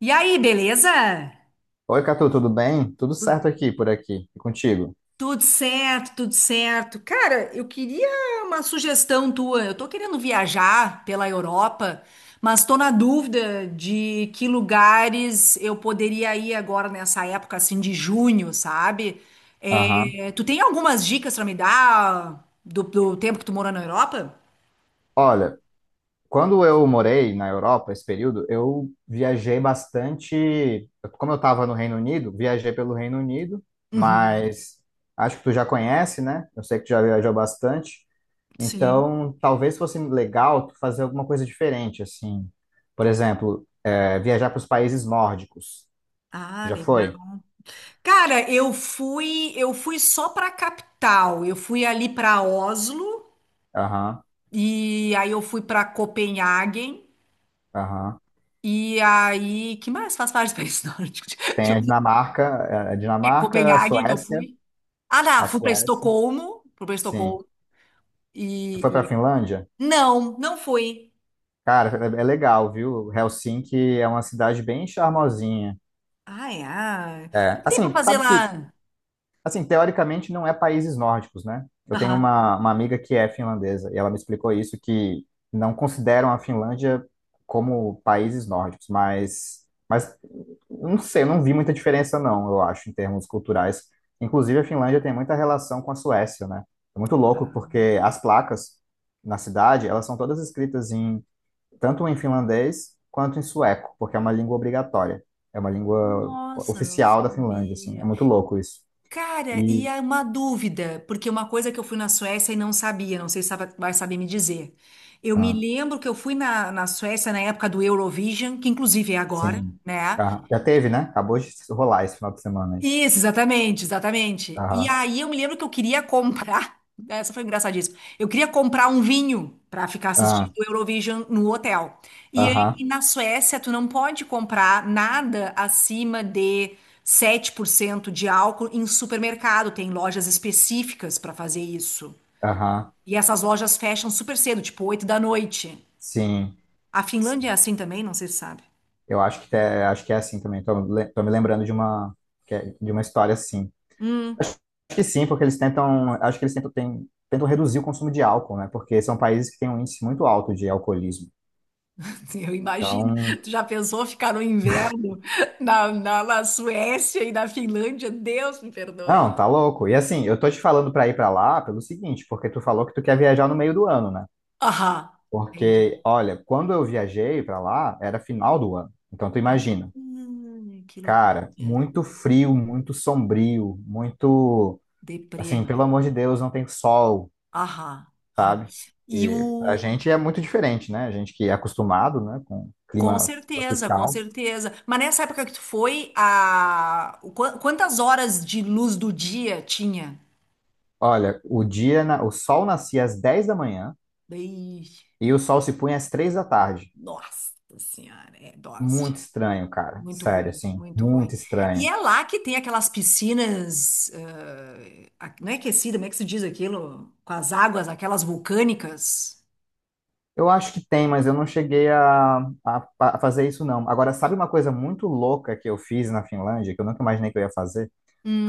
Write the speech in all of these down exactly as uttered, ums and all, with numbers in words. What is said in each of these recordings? E aí, beleza? Oi, Catu, tudo bem? Tudo Tu- certo aqui, por aqui, e contigo? Tudo certo, tudo certo. Cara, eu queria uma sugestão tua. Eu tô querendo viajar pela Europa, mas tô na dúvida de que lugares eu poderia ir agora nessa época assim de junho, sabe? Aham. É, tu tem algumas dicas pra me dar do, do tempo que tu morou na Europa? Olha, quando eu morei na Europa, esse período, eu viajei bastante. Como eu estava no Reino Unido, viajei pelo Reino Unido, Uhum. mas acho que tu já conhece, né? Eu sei que tu já viajou bastante. Sim. Então, talvez fosse legal tu fazer alguma coisa diferente, assim. Por exemplo, é, viajar para os países nórdicos. Tu Ah, já legal. foi? Cara, eu fui, eu fui só para a capital. Eu fui ali para Oslo. Aham, E aí eu fui para Copenhague. aham. E aí, que mais faz parte do país nórdico? Deixa Tem eu a Dinamarca, é, a ver. Dinamarca, a Copenhagen que eu Suécia. fui. Ah, não, A fui para Suécia, Estocolmo, fui para sim. Estocolmo Tu foi pra e, e- Finlândia? não, não fui. Cara, é, é legal, viu? Helsinki é uma cidade bem charmosinha. Ai, ai. O que É, que tem para assim, fazer sabe que lá? Assim, teoricamente não é países nórdicos, né? Eu tenho Aham. uma, uma amiga que é finlandesa e ela me explicou isso, que não consideram a Finlândia como países nórdicos, mas, mas não sei, eu não vi muita diferença não, eu acho, em termos culturais. Inclusive, a Finlândia tem muita relação com a Suécia, né? É muito louco porque as placas na cidade, elas são todas escritas em tanto em finlandês quanto em sueco, porque é uma língua obrigatória. É uma língua Nossa, não oficial da Finlândia, assim. É sabia. muito louco isso. Cara, e E é uma dúvida, porque uma coisa que eu fui na Suécia e não sabia, não sei se sabe- vai saber me dizer. Eu me Ah, lembro que eu fui na, na Suécia na época do Eurovision, que inclusive é agora, sim. né? Ah, já teve, né? Acabou de rolar esse final de semana aí. Isso, exatamente, exatamente. E Aham, aí eu me lembro que eu queria comprar, essa foi engraçadíssima. Eu queria comprar um vinho para ficar assistindo ah, o Eurovision no hotel. E aí, aham, e na Suécia tu não pode comprar nada acima de sete por cento de álcool em supermercado, tem lojas específicas para fazer isso. aham. E essas lojas fecham super cedo, tipo oito da noite. Sim, A sim. Finlândia é assim também, não sei se sabe. Eu acho que, é, acho que é assim também. Tô, le- tô me lembrando de uma, que é- de uma história assim. Hum. Acho que sim, porque eles tentam, acho que eles tentam, tem- tentam reduzir o consumo de álcool, né? Porque são países que têm um índice muito alto de alcoolismo. Eu imagino. Então, Tu já pensou ficar no inverno na, na, na Suécia e na Finlândia? Deus me perdoe. não, tá louco. E assim, eu tô te falando pra ir pra lá pelo seguinte, porque tu falou que tu quer viajar no meio do ano, né? Aham, entendi. Porque, olha, quando eu viajei para lá, era final do ano. Então, tu Ah, imagina, que loucura. cara, muito frio, muito sombrio, muito, Deprê, assim, pelo velho. amor de Deus, não tem sol, Aham, aham. sabe? E E pra o... gente é muito diferente, né? A gente que é acostumado, né, com Com clima certeza, com tropical. certeza. Mas nessa época que tu foi, a... o qua- quantas horas de luz do dia tinha? Olha, o dia, na- o sol nascia às dez da manhã Daí... e o sol se punha às três da tarde. Nossa Senhora, é dose. Muito estranho, cara. Muito Sério, ruim, assim, muito ruim. muito E estranho. é lá que tem aquelas piscinas, eh, a- não é aquecida, como é que se diz aquilo? Com as águas, aquelas vulcânicas. Eu acho que tem, mas eu não cheguei a, a, a fazer isso, não. Agora, sabe uma coisa muito louca que eu fiz na Finlândia, que eu nunca imaginei que eu ia fazer?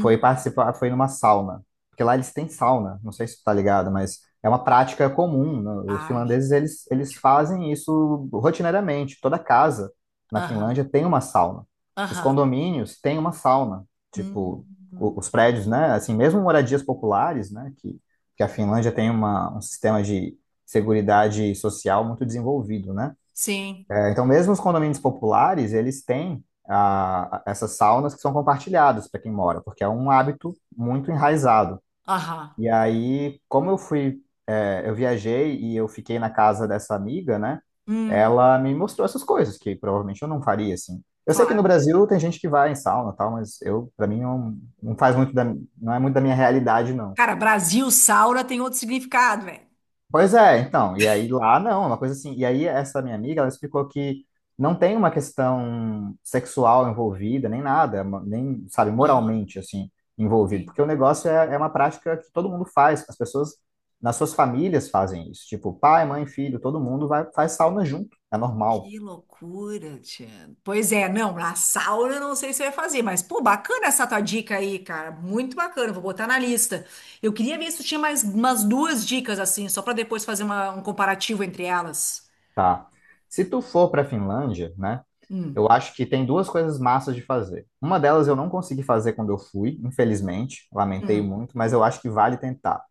foi participar, Foi numa sauna. Porque lá eles têm sauna, não sei se tu tá ligado, mas é uma prática comum. Né? Os Ai, finlandeses, eles, eles fazem isso rotineiramente. Toda casa na aham, Finlândia tem uma sauna. Os aham. condomínios têm uma sauna. Tipo, Hum, o- os prédios, né? Assim, mesmo moradias populares, né? Que, que a Finlândia tem uma, um sistema de seguridade social muito desenvolvido, né? sim, É, então, mesmo os condomínios populares, eles têm ah, essas saunas que são compartilhadas para quem mora, porque é um hábito muito enraizado. aham. E aí, como eu fui, é, eu viajei e eu fiquei na casa dessa amiga, né? Hum, Ela me mostrou essas coisas que provavelmente eu não faria assim. Eu sei que no claro. Brasil tem gente que vai em sauna, e tal, mas eu, para mim, não, não faz muito da, não é muito da minha realidade, não. Cara, Brasil, Saura tem outro significado, velho. Pois é, então, e aí lá não, é uma coisa assim. E aí essa minha amiga, ela explicou que não tem uma questão sexual envolvida, nem nada, ma- nem, sabe, Aham. moralmente, assim, envolvido. Porque o negócio é, é uma prática que todo mundo faz, as pessoas nas suas famílias fazem isso. Tipo, pai, mãe, filho, todo mundo vai, faz sauna junto, é normal, Que loucura, Tia. Pois é, não, na sauna eu não sei se vai fazer, mas pô, bacana essa tua dica aí, cara, muito bacana, vou botar na lista. Eu queria ver se tu tinha mais umas duas dicas assim, só pra depois fazer uma- um comparativo entre elas. tá? Se tu for pra Finlândia, né, Hum, eu acho que tem duas coisas massas de fazer. Uma delas eu não consegui fazer quando eu fui, infelizmente, lamentei hum, muito, mas eu acho que vale tentar.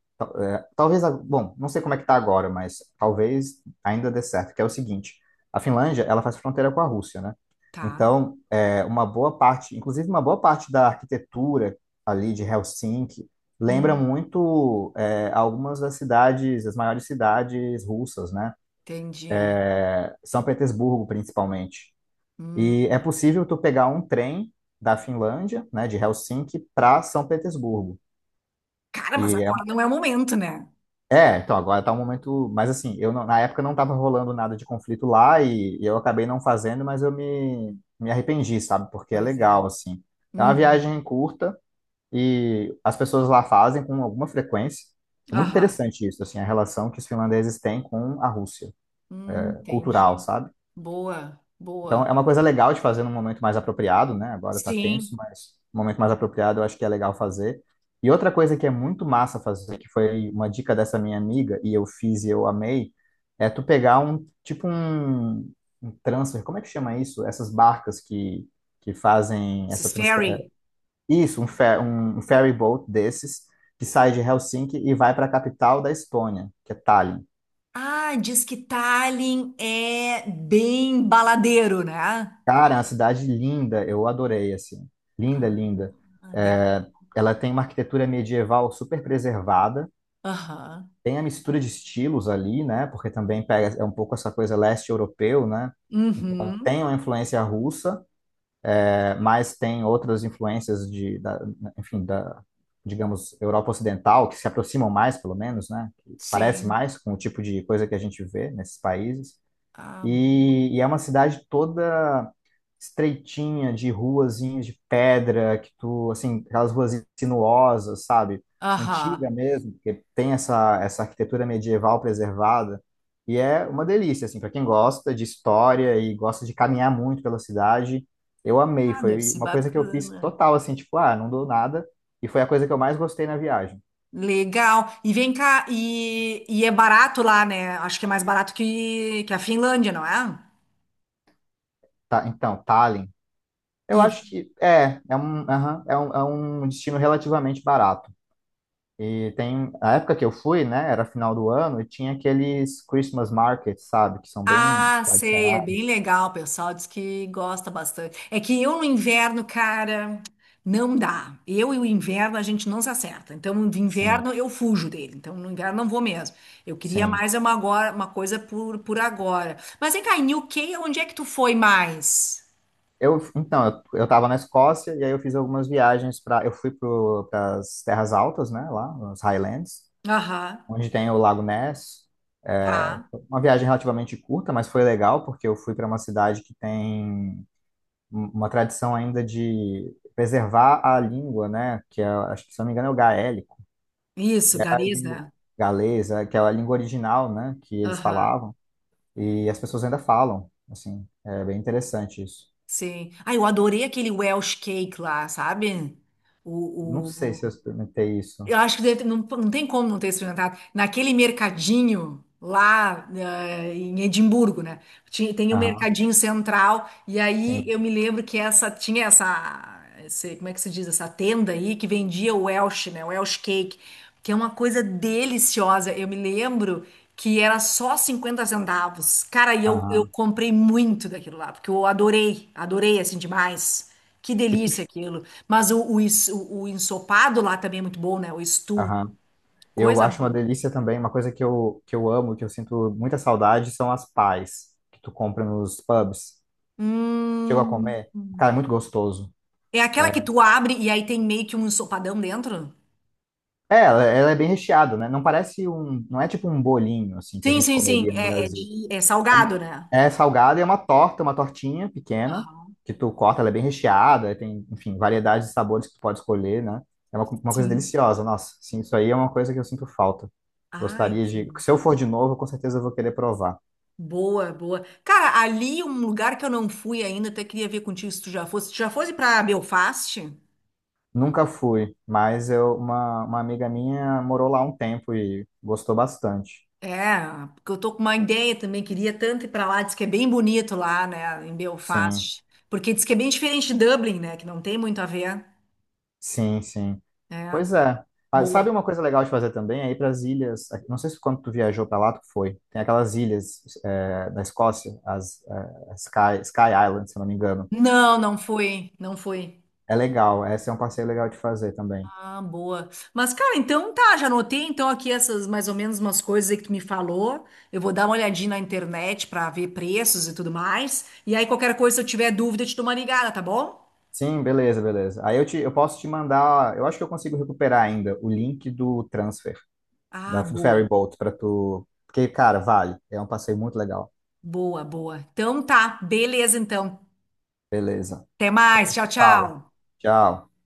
Talvez, a- bom, não sei como é que tá agora, mas talvez ainda dê certo, que é o seguinte, a Finlândia, ela faz fronteira com a Rússia, né? tá. Então, é, uma boa parte, inclusive uma boa parte da arquitetura ali de Helsinki lembra Hum, muito é, algumas das cidades, as maiores cidades russas, né? entendi. É, São Petersburgo, principalmente. E é Hum. possível tu pegar um trem da Finlândia, né, de Helsinki, para São Petersburgo. Cara, mas E agora não é o momento, né? É, então agora tá um momento, mas assim, eu não- na época não tava rolando nada de conflito lá e, e eu acabei não fazendo, mas eu me, me arrependi, sabe? Porque é Pois é. legal, assim. É uma Uhum. viagem curta e as pessoas lá fazem com alguma frequência. É muito Aham. interessante isso, assim, a relação que os finlandeses têm com a Rússia, Hum, é, cultural, entendi. sabe? Boa, Então, é boa. uma coisa legal de fazer num momento mais apropriado, né? Agora tá Sim, tenso, mas num momento mais apropriado eu acho que é legal fazer. E outra coisa que é muito massa fazer, que foi uma dica dessa minha amiga, e eu fiz e eu amei, é tu pegar um, tipo um, um transfer, como é que chama isso? Essas barcas que, que fazem esses essa transfer... é, fairy. Isso, um, fer, um, um ferry boat desses, que sai de Helsinki e vai para a capital da Estônia, que é Tallinn. Ah, diz que Tallinn é bem baladeiro, né? Cara, é uma cidade linda, eu adorei, assim. Linda, linda. Ah, legal. É, ela tem uma arquitetura medieval super preservada, Aham. tem a mistura de estilos ali, né? Porque também pega, é um pouco essa coisa leste europeu, né? Então, Uhum. tem uma influência russa, é, mas tem outras influências de, da, enfim, da, digamos, Europa Ocidental, que se aproximam mais, pelo menos, né? Que parece Sim. mais com o tipo de coisa que a gente vê nesses países. Ah, bom. E, e é uma cidade toda estreitinha, de ruazinhas de pedra, que tu, assim, aquelas ruas sinuosas, sabe? Aham. Antiga mesmo, porque tem essa, essa arquitetura medieval preservada. E é uma delícia, assim, para quem gosta de história e gosta de caminhar muito pela cidade, eu amei. Ah, deve Foi ser uma coisa que eu fiz bacana. total, assim, tipo, ah, não dou nada. E foi a coisa que eu mais gostei na viagem. Legal. E vem cá, e, e é barato lá, né? Acho que é mais barato que, que a Finlândia, não é? Tá, então, Tallinn. Eu Isso. acho que é, é um, aham, é um, é um destino relativamente barato. E tem, a época que eu fui, né, era final do ano, e tinha aqueles Christmas markets, sabe, que são bem Ah, sei, é bem tradicionais. legal, o pessoal diz que gosta bastante. É que eu no inverno, cara, não dá. Eu e o inverno a gente não se acerta. Então, no Sim, inverno eu fujo dele. Então, no inverno não vou mesmo. Eu queria sim. mais uma agora, uma coisa por, por agora. Mas vem cá, em U K, onde é que tu foi mais? Eu, então, eu, eu tava na Escócia e aí eu fiz algumas viagens para, eu fui para as Terras Altas, né, lá, nos Highlands, Aham, onde tem o Lago Ness. É, tá. foi uma viagem relativamente curta, mas foi legal porque eu fui para uma cidade que tem um- uma tradição ainda de preservar a língua, né, que é, acho que se eu não me engano é o gaélico Isso, que é a Gariza, língua né? galesa, que é a língua original, né, que eles Aham, falavam, e as pessoas ainda falam, assim, é bem interessante isso. sim. Ah, eu adorei aquele Welsh cake lá, sabe? Não sei O, o, se eu experimentei isso. Eu acho que deve ter- não, não tem como não ter experimentado. Naquele mercadinho lá, eh, em Edimburgo, né? Tinha, tem o Aham, mercadinho central, e aí sim, eu me lembro que essa tinha essa, esse- como é que se diz, essa tenda aí que vendia o Welsh, né? O Welsh Cake, que é uma coisa deliciosa. Eu me lembro que era só cinquenta centavos. Cara, e eu, eu aham. comprei muito daquilo lá, porque eu adorei, adorei assim demais. Que E tu- delícia aquilo. Mas o, o, ens- o, o ensopado lá também é muito bom, né? O stew, aham. Eu coisa acho uma boa. delícia também, uma coisa que eu, que eu, amo, que eu sinto muita saudade, são as pies que tu compra nos pubs. Chegou a Hum. comer? Cara, é muito gostoso. É aquela É, que tu abre e aí tem meio que um ensopadão dentro? é, ela, ela é bem recheada, né? Não parece um, não é tipo um bolinho assim que a Sim, gente sim, sim. comeria no É, é Brasil. de, é É salgado, um- né? É salgada e é uma torta, uma tortinha pequena, Aham, que tu corta, ela é bem recheada, tem, enfim, variedade de sabores que tu pode escolher, né? É uma, co- uma coisa sim. deliciosa, nossa. Sim, isso aí é uma coisa que eu sinto falta. Ai, Gostaria de. sim. Se eu for de novo, com certeza eu vou querer provar. Boa, boa. Cara, ali um lugar que eu não fui ainda, até queria ver contigo se tu já fosse. Tu já fosse pra Belfast? Nunca fui, mas eu, uma, uma amiga minha morou lá um tempo e gostou bastante. É, porque eu tô com uma ideia também, queria tanto ir pra lá, diz que é bem bonito lá, né, em Sim, Belfast. Porque diz que é bem diferente de Dublin, né, que não tem muito a ver. sim, sim. É, Pois é. Ah, sabe boa. uma coisa legal de fazer também? É ir para as ilhas. é, Não sei se quando tu viajou para lá, tu foi. Tem aquelas ilhas é, da Escócia, as é, Sky, Sky Island, se eu não me engano. Não, não fui, não fui. É legal. Esse é um passeio legal de fazer também. Ah, boa. Mas, cara, então tá, já anotei então aqui essas mais ou menos umas coisas aí que tu me falou. Eu vou dar uma olhadinha na internet pra ver preços e tudo mais. E aí, qualquer coisa, se eu tiver dúvida, eu te dou uma ligada, tá bom? Sim, beleza, beleza. Aí eu, te, eu posso te mandar. Eu acho que eu consigo recuperar ainda o link do transfer, da, Ah, do boa. ferry boat, para tu. Porque, cara, vale. É um passeio muito legal. Boa, boa. Então tá, beleza então. Beleza. Até Então, a mais. gente Tchau, se fala. tchau. Tchau.